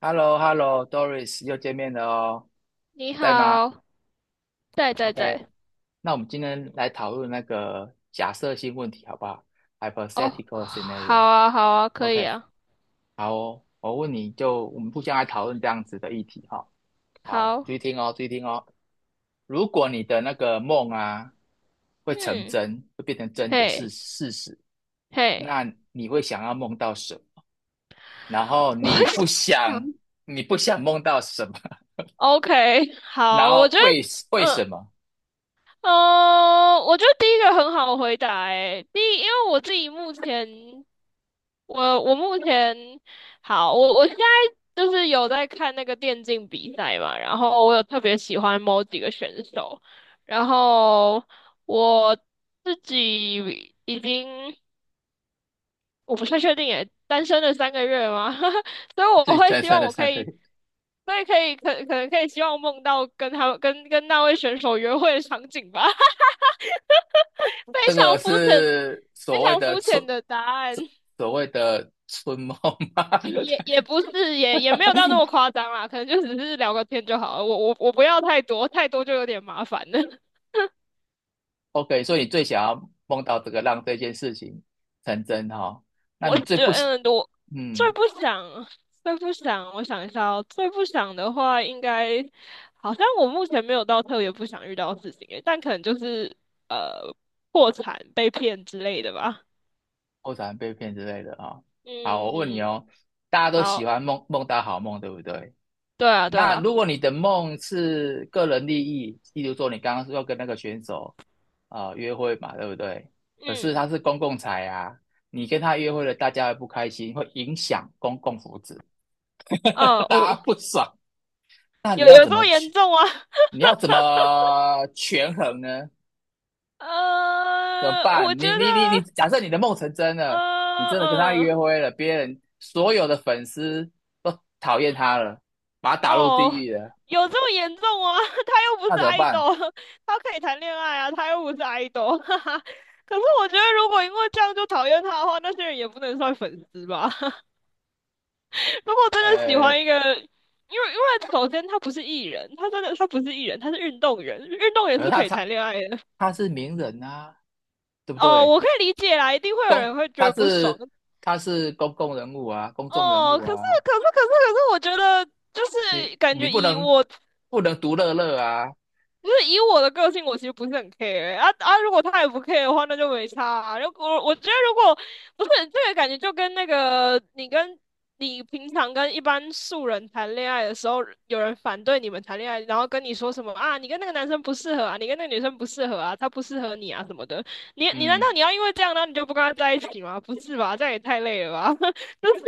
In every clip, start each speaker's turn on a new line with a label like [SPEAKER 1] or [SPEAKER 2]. [SPEAKER 1] h e l l o h e l l o d o r i s 又见面了哦，
[SPEAKER 2] 你
[SPEAKER 1] 在吗
[SPEAKER 2] 好，在在
[SPEAKER 1] ？OK，
[SPEAKER 2] 在，
[SPEAKER 1] 那我们今天来讨论那个假设性问题，好不好
[SPEAKER 2] 哦，
[SPEAKER 1] ？Hypothetical
[SPEAKER 2] 好
[SPEAKER 1] scenario。
[SPEAKER 2] 啊，好啊，可以
[SPEAKER 1] OK，
[SPEAKER 2] 啊，
[SPEAKER 1] 好哦，我问你就我们互相来讨论这样子的议题哈、好，
[SPEAKER 2] 好，
[SPEAKER 1] 注意听哦，注意听哦。如果你的那个梦啊会成
[SPEAKER 2] 嗯，
[SPEAKER 1] 真，会变成真的事
[SPEAKER 2] 嘿，
[SPEAKER 1] 事实，
[SPEAKER 2] 嘿，
[SPEAKER 1] 那你会想要梦到什么？然后
[SPEAKER 2] 我
[SPEAKER 1] 你不
[SPEAKER 2] 想
[SPEAKER 1] 想，你不想梦到什么？
[SPEAKER 2] ，OK，
[SPEAKER 1] 然
[SPEAKER 2] 好，我
[SPEAKER 1] 后
[SPEAKER 2] 觉得，
[SPEAKER 1] 为为什
[SPEAKER 2] 嗯，
[SPEAKER 1] 么？
[SPEAKER 2] 哦，我觉得第一个很好回答，诶，第一，因为我自己目前，我目前，好，我现在就是有在看那个电竞比赛嘛，然后我有特别喜欢某几个选手，然后我自己已经。我不太确定耶，单身了3个月吗？所以我
[SPEAKER 1] 自己
[SPEAKER 2] 会
[SPEAKER 1] 再
[SPEAKER 2] 希
[SPEAKER 1] 生
[SPEAKER 2] 望
[SPEAKER 1] 的
[SPEAKER 2] 我
[SPEAKER 1] 三
[SPEAKER 2] 可
[SPEAKER 1] 颗，
[SPEAKER 2] 以，所以可能可以希望梦到跟他跟跟那位选手约会的场景吧，非
[SPEAKER 1] 这
[SPEAKER 2] 常
[SPEAKER 1] 个
[SPEAKER 2] 肤浅，
[SPEAKER 1] 是
[SPEAKER 2] 非
[SPEAKER 1] 所谓
[SPEAKER 2] 常
[SPEAKER 1] 的
[SPEAKER 2] 肤
[SPEAKER 1] 春，
[SPEAKER 2] 浅的答案，
[SPEAKER 1] 所所谓的春梦吗
[SPEAKER 2] 也不是,也没有到那么夸张啦，可能就只是聊个天就好了，我不要太多，太多就有点麻烦了。
[SPEAKER 1] ？OK，所以你最想要梦到这个让这件事情成真哈、哦？那
[SPEAKER 2] 我
[SPEAKER 1] 你
[SPEAKER 2] 觉
[SPEAKER 1] 最不喜，
[SPEAKER 2] 得我最
[SPEAKER 1] 嗯，
[SPEAKER 2] 不想，最不想，我想一下哦，最不想的话，应该好像我目前没有到特别不想遇到的事情诶，但可能就是呃破产、被骗之类的吧。
[SPEAKER 1] 喜欢被骗之类的哈、哦好，我问你
[SPEAKER 2] 嗯，
[SPEAKER 1] 哦，大家都喜
[SPEAKER 2] 好，
[SPEAKER 1] 欢梦到好梦，对不对？
[SPEAKER 2] 对啊，对
[SPEAKER 1] 那
[SPEAKER 2] 啊，
[SPEAKER 1] 如果你的梦是个人利益，例如说你刚刚说要跟那个选手啊、约会嘛，对不对？可是他
[SPEAKER 2] 嗯，
[SPEAKER 1] 是公共财啊，你跟他约会了，大家会不开心，会影响公共福祉，
[SPEAKER 2] 哦
[SPEAKER 1] 大家
[SPEAKER 2] 哦，
[SPEAKER 1] 不爽。那你
[SPEAKER 2] 有
[SPEAKER 1] 要
[SPEAKER 2] 有
[SPEAKER 1] 怎
[SPEAKER 2] 这
[SPEAKER 1] 么
[SPEAKER 2] 么严
[SPEAKER 1] 去？
[SPEAKER 2] 重啊？
[SPEAKER 1] 你要怎么权衡呢？怎么办？
[SPEAKER 2] 我觉
[SPEAKER 1] 你，
[SPEAKER 2] 得，
[SPEAKER 1] 假设你的梦成真
[SPEAKER 2] 呃
[SPEAKER 1] 了，你真的跟他约
[SPEAKER 2] 嗯。
[SPEAKER 1] 会了，别人所有的粉丝都讨厌他了，把他打入地
[SPEAKER 2] 哦，
[SPEAKER 1] 狱了，
[SPEAKER 2] 有这么严重吗？他又不
[SPEAKER 1] 那
[SPEAKER 2] 是
[SPEAKER 1] 怎么办？
[SPEAKER 2] idol,他可以谈恋爱啊，他又不是 idol,哈哈。可是我觉得，如果因为这样就讨厌他的话，那些人也不能算粉丝吧？如果真的喜
[SPEAKER 1] 呃，
[SPEAKER 2] 欢一个，因为因为首先他不是艺人，他真的他不是艺人，他是运动员，运动员
[SPEAKER 1] 可是
[SPEAKER 2] 是
[SPEAKER 1] 他
[SPEAKER 2] 可以谈
[SPEAKER 1] 他
[SPEAKER 2] 恋爱的。
[SPEAKER 1] 他是名人啊，对不
[SPEAKER 2] 哦，
[SPEAKER 1] 对？
[SPEAKER 2] 我可以理解啦，一定会有人
[SPEAKER 1] 公，
[SPEAKER 2] 会觉
[SPEAKER 1] 他
[SPEAKER 2] 得不爽。
[SPEAKER 1] 是他是公共人物啊，公众人
[SPEAKER 2] 哦，
[SPEAKER 1] 物
[SPEAKER 2] 可是
[SPEAKER 1] 啊，
[SPEAKER 2] 可是可是可是，我觉得就
[SPEAKER 1] 你
[SPEAKER 2] 是感
[SPEAKER 1] 你
[SPEAKER 2] 觉
[SPEAKER 1] 不
[SPEAKER 2] 以
[SPEAKER 1] 能
[SPEAKER 2] 我
[SPEAKER 1] 不能独乐乐啊。
[SPEAKER 2] 不是以我的个性，我其实不是很 care 欸啊啊！如果他也不 care 的话，那就没差啊。如果我觉得，如果不是这个感觉，就跟那个你平常跟一般素人谈恋爱的时候，有人反对你们谈恋爱，然后跟你说什么啊，你跟那个男生不适合啊，你跟那个女生不适合啊，他不适合你啊什么的。你你难道
[SPEAKER 1] 嗯，
[SPEAKER 2] 你要因为这样，然后你就不跟他在一起吗？不是吧，这样也太累了吧！就是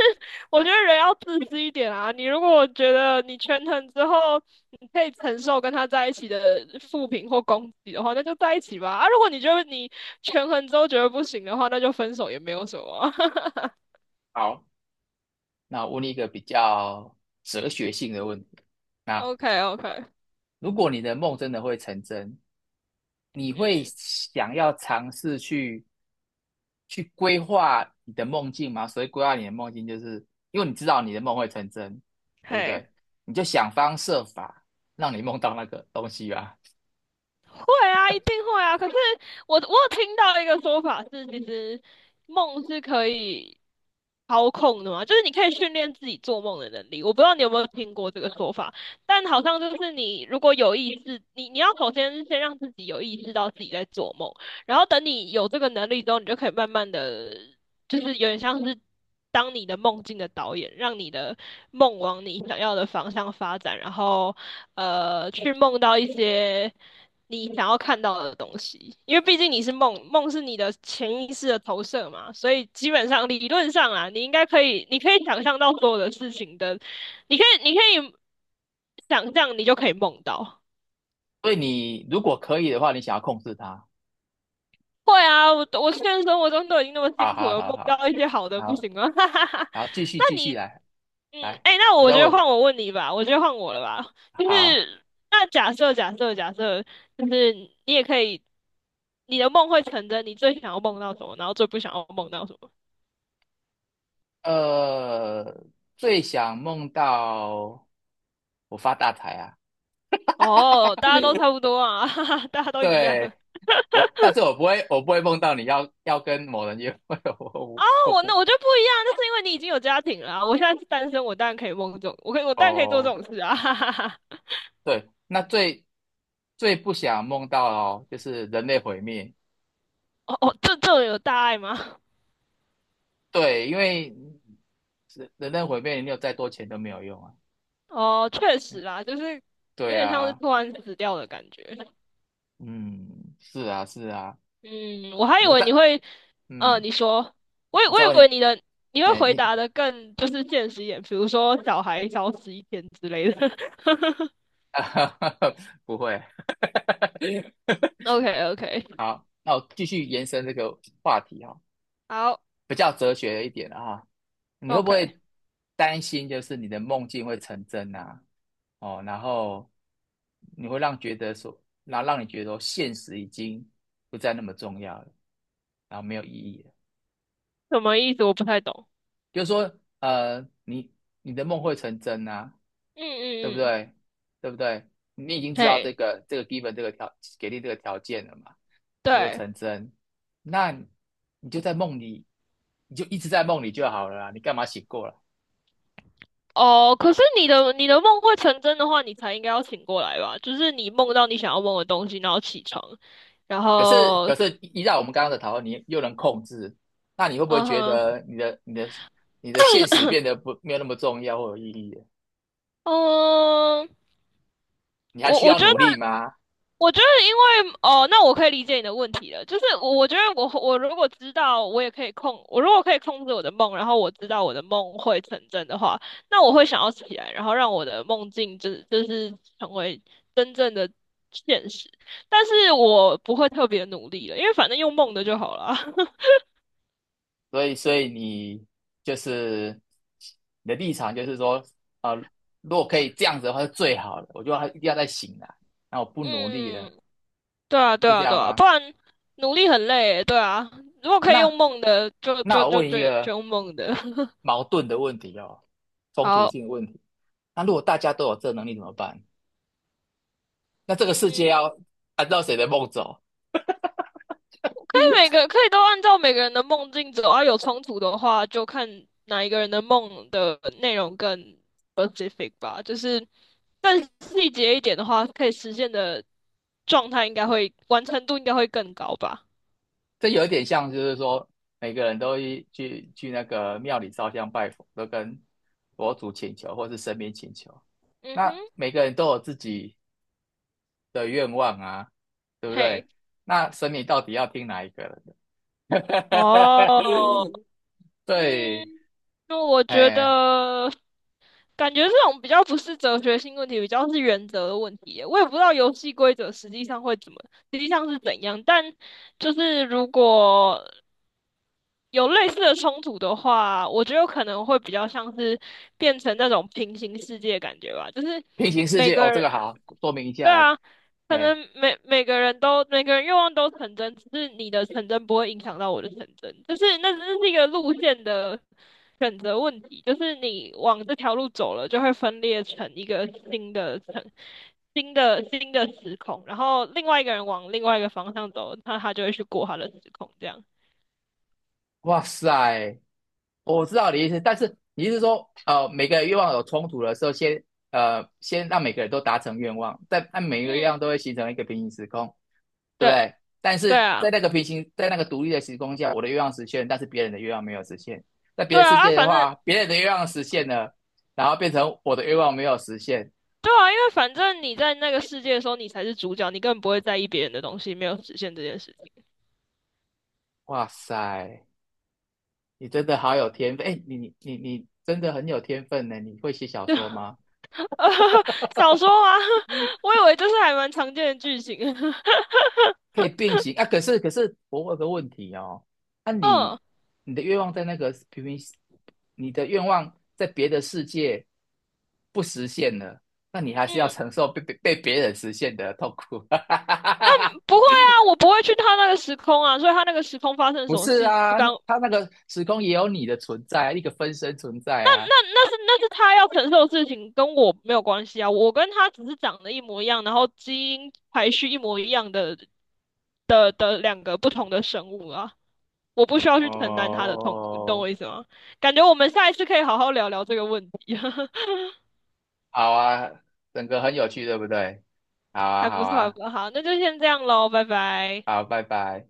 [SPEAKER 2] 我觉得人要自私一点啊。你如果觉得你权衡之后。你可以承受跟他在一起的负评或攻击的话，那就在一起吧。啊，如果你觉得你权衡之后觉得不行的话，那就分手也没有什么
[SPEAKER 1] 好，那我问你一个比较哲学性的问题。那
[SPEAKER 2] OK OK,
[SPEAKER 1] 如果你的梦真的会成真，你会
[SPEAKER 2] 嗯，
[SPEAKER 1] 想要尝试去去规划你的梦境吗？所以规划你的梦境，就是因为你知道你的梦会成真，对不
[SPEAKER 2] 嘿，
[SPEAKER 1] 对？你就想方设法让你梦到那个东西吧。
[SPEAKER 2] 会啊，一定会啊。可是我有听到一个说法是，其实梦是可以操控的嘛，就是你可以训练自己做梦的能力。我不知道你有没有听过这个说法，但好像就是你如果有意识，你要首先先让自己有意识到自己在做梦，然后等你有这个能力之后，你就可以慢慢的，就是有点像是当你的梦境的导演，让你的梦往你想要的方向发展，然后去梦到一些。你想要看到的东西，因为毕竟你是梦，梦是你的潜意识的投射嘛，所以基本上理论上啊，你应该可以，你可以想象到所有的事情的，你可以，你可以想象，你就可以梦到。
[SPEAKER 1] 所以你如果可以的话，你想要控制它。
[SPEAKER 2] 会啊，我现实生活中都已经那么
[SPEAKER 1] 好
[SPEAKER 2] 辛苦
[SPEAKER 1] 好
[SPEAKER 2] 了，
[SPEAKER 1] 好
[SPEAKER 2] 梦
[SPEAKER 1] 好，
[SPEAKER 2] 到一些好的不
[SPEAKER 1] 好，
[SPEAKER 2] 行吗？哈哈哈。
[SPEAKER 1] 好，继续
[SPEAKER 2] 那
[SPEAKER 1] 继
[SPEAKER 2] 你，
[SPEAKER 1] 续来
[SPEAKER 2] 嗯，
[SPEAKER 1] 来，
[SPEAKER 2] 哎，那
[SPEAKER 1] 我
[SPEAKER 2] 我
[SPEAKER 1] 再
[SPEAKER 2] 觉得
[SPEAKER 1] 问。
[SPEAKER 2] 换我问你吧，我觉得换我了吧，就
[SPEAKER 1] 好，
[SPEAKER 2] 是那假设，就是你也可以。你的梦会成真，你最想要梦到什么，然后最不想要梦到什么？
[SPEAKER 1] 呃，最想梦到我发大财啊！
[SPEAKER 2] 哦，大家都差 不多啊，哈哈，大家 都一样啊。
[SPEAKER 1] 对，我，但是我不会，我不会梦到你要跟某人约会，我
[SPEAKER 2] 啊
[SPEAKER 1] 我我
[SPEAKER 2] 我那
[SPEAKER 1] 不
[SPEAKER 2] 我就不一样，那是因为你已经有家庭了啊我现在是单身，我当然可以梦这种，我当然可以做这
[SPEAKER 1] 哦，
[SPEAKER 2] 种事啊，哈哈哈。
[SPEAKER 1] 对，那最不想梦到哦，就是人类毁灭，
[SPEAKER 2] 哦哦，这这种有大爱吗？
[SPEAKER 1] 对，因为人类毁灭，你有再多钱都没有用啊，
[SPEAKER 2] 哦，确实啦，就是有
[SPEAKER 1] 对
[SPEAKER 2] 点像是
[SPEAKER 1] 啊，
[SPEAKER 2] 突然死掉的感觉。
[SPEAKER 1] 嗯，是啊，是啊，
[SPEAKER 2] 嗯，我还以
[SPEAKER 1] 那个
[SPEAKER 2] 为你
[SPEAKER 1] 但
[SPEAKER 2] 会，
[SPEAKER 1] 嗯，
[SPEAKER 2] 你说，我以
[SPEAKER 1] 我
[SPEAKER 2] 我
[SPEAKER 1] 再问
[SPEAKER 2] 以为
[SPEAKER 1] 你，
[SPEAKER 2] 你的你会
[SPEAKER 1] 哎，
[SPEAKER 2] 回
[SPEAKER 1] 你
[SPEAKER 2] 答的更就是现实一点，比如说小孩消失一天之类的。
[SPEAKER 1] 不会，
[SPEAKER 2] OK OK,
[SPEAKER 1] 好，那我继续延伸这个话题哦。
[SPEAKER 2] 好。
[SPEAKER 1] 比较哲学一点啊，你会不
[SPEAKER 2] OK,
[SPEAKER 1] 会担心就是你的梦境会成真啊？哦，然后你会让觉得说，然后让你觉得说现实已经不再那么重要了，然后没有意义了。
[SPEAKER 2] 什么意思？我不太懂。
[SPEAKER 1] 就是说，呃，你你的梦会成真啊，
[SPEAKER 2] 嗯
[SPEAKER 1] 对不
[SPEAKER 2] 嗯嗯，
[SPEAKER 1] 对？对不对？你已经知道
[SPEAKER 2] 嘿，
[SPEAKER 1] 这个 given 这个条给定这个条件了嘛，你会
[SPEAKER 2] 对，
[SPEAKER 1] 成真，那你就在梦里，你就一直在梦里就好了啊，你干嘛醒过来？
[SPEAKER 2] 哦，可是你的梦会成真的话，你才应该要醒过来吧？就是你梦到你想要梦的东西，然后起床，然
[SPEAKER 1] 可是
[SPEAKER 2] 后，
[SPEAKER 1] 可是依照我们刚刚的讨论，你又能控制，那你会不会
[SPEAKER 2] 嗯
[SPEAKER 1] 觉
[SPEAKER 2] 哼，
[SPEAKER 1] 得你的现实变得不没有那么重要或有意义了？
[SPEAKER 2] 嗯，
[SPEAKER 1] 你还
[SPEAKER 2] 我
[SPEAKER 1] 需
[SPEAKER 2] 我
[SPEAKER 1] 要
[SPEAKER 2] 觉
[SPEAKER 1] 努力
[SPEAKER 2] 得
[SPEAKER 1] 吗？
[SPEAKER 2] 我觉得，因为哦，那我可以理解你的问题了。就是我，我觉得我如果知道，我也可以控，我如果可以控制我的梦，然后我知道我的梦会成真的话，那我会想要起来，然后让我的梦境就是成为真正的现实。但是我不会特别努力了，因为反正用梦的就好了。
[SPEAKER 1] 所以你就是你的立场就是说，啊、如果可以这样子的话是最好的，我就还一定要再醒来，那我不努力了，
[SPEAKER 2] 嗯，对啊，对
[SPEAKER 1] 是这
[SPEAKER 2] 啊，对
[SPEAKER 1] 样
[SPEAKER 2] 啊，
[SPEAKER 1] 吗？
[SPEAKER 2] 不然努力很累欸。对啊，如果可以用
[SPEAKER 1] 那
[SPEAKER 2] 梦的，就就
[SPEAKER 1] 我
[SPEAKER 2] 就
[SPEAKER 1] 问
[SPEAKER 2] 就
[SPEAKER 1] 一个
[SPEAKER 2] 就用梦的。
[SPEAKER 1] 矛盾的问题哦，冲突
[SPEAKER 2] 好，
[SPEAKER 1] 性的问题，那如果大家都有这能力怎么办？那这个世界
[SPEAKER 2] 嗯。
[SPEAKER 1] 要按照谁的梦走？
[SPEAKER 2] 每个可以都按照每个人的梦境走啊，有冲突的话就看哪一个人的梦的内容更 specific 吧，就是更细节一点的话，可以实现的状态应该会完成度应该会更高吧。
[SPEAKER 1] 这有点像，就是说每个人都一去那个庙里烧香拜佛，都跟佛祖请求或是神明请求。
[SPEAKER 2] 嗯哼，
[SPEAKER 1] 那每个人都有自己的愿望啊，对不对？
[SPEAKER 2] 嘿，
[SPEAKER 1] 那神明到底要听哪一个人的？
[SPEAKER 2] 哦，
[SPEAKER 1] 对，
[SPEAKER 2] 嗯，那我觉
[SPEAKER 1] 哎，
[SPEAKER 2] 得感觉这种比较不是哲学性问题，比较是原则的问题耶我也不知道游戏规则实际上会怎么，实际上是怎样，但就是如果有类似的冲突的话，我觉得可能会比较像是变成那种平行世界的感觉吧，就是
[SPEAKER 1] 平行世
[SPEAKER 2] 每
[SPEAKER 1] 界哦，
[SPEAKER 2] 个
[SPEAKER 1] 这
[SPEAKER 2] 人，
[SPEAKER 1] 个好，说明一
[SPEAKER 2] 对
[SPEAKER 1] 下来，
[SPEAKER 2] 啊，可
[SPEAKER 1] 哎，
[SPEAKER 2] 能每个人愿望都成真，只是你的成真不会影响到我的成真，就是那只是一个路线的选择问题，就是你往这条路走了，就会分裂成一个新的层。新的时空，然后另外一个人往另外一个方向走，那他就会去过他的时空，这样。
[SPEAKER 1] 哇塞，我知道你的意思，但是你是说，呃，每个愿望有冲突的时候，先先让每个人都达成愿望，但但每个愿望
[SPEAKER 2] 嗯，
[SPEAKER 1] 都会形成一个平行时空，对不
[SPEAKER 2] 对。
[SPEAKER 1] 对？但
[SPEAKER 2] 对
[SPEAKER 1] 是在
[SPEAKER 2] 啊，
[SPEAKER 1] 那个平行，在那个独立的时空下，我的愿望实现了但是别人的愿望没有实现。在别
[SPEAKER 2] 对
[SPEAKER 1] 的世
[SPEAKER 2] 啊，啊，
[SPEAKER 1] 界的
[SPEAKER 2] 反正
[SPEAKER 1] 话，别人的愿望实现了，然后变成我的愿望没有实现。
[SPEAKER 2] 对啊，因为反正你在那个世界的时候，你才是主角，你根本不会在意别人的东西没有实现这件事情。
[SPEAKER 1] 哇塞，你真的好有天分！哎，你真的很有天分呢！你会写小说吗？
[SPEAKER 2] 小说 吗？我以为这是还蛮常见的剧情。
[SPEAKER 1] 可以并行啊。可是我有个问题哦，那、啊你
[SPEAKER 2] 嗯
[SPEAKER 1] 你的愿望在那个平行，你的愿望在别的世界不实现了，那你还是要
[SPEAKER 2] 嗯，
[SPEAKER 1] 承受被别人实现的痛苦。
[SPEAKER 2] 不会啊，我不会去他那个时空啊，所以他那个时空发生
[SPEAKER 1] 不
[SPEAKER 2] 什么
[SPEAKER 1] 是
[SPEAKER 2] 事不
[SPEAKER 1] 啊，
[SPEAKER 2] 干，那
[SPEAKER 1] 他那个时空也有你的存在啊，一个分身存在啊。
[SPEAKER 2] 那是他要承受的事情，跟我没有关系啊。我跟他只是长得一模一样，然后基因排序一模一样的的两个不同的生物啊。我不需要去承担他的痛苦，你懂
[SPEAKER 1] 哦，
[SPEAKER 2] 我意思吗？感觉我们下一次可以好好聊聊这个问题，
[SPEAKER 1] 好啊，整个很有趣，对不对？好啊，
[SPEAKER 2] 还不
[SPEAKER 1] 好
[SPEAKER 2] 错，还
[SPEAKER 1] 啊，
[SPEAKER 2] 不错。好，那就先这样喽，拜拜。
[SPEAKER 1] 好，拜拜。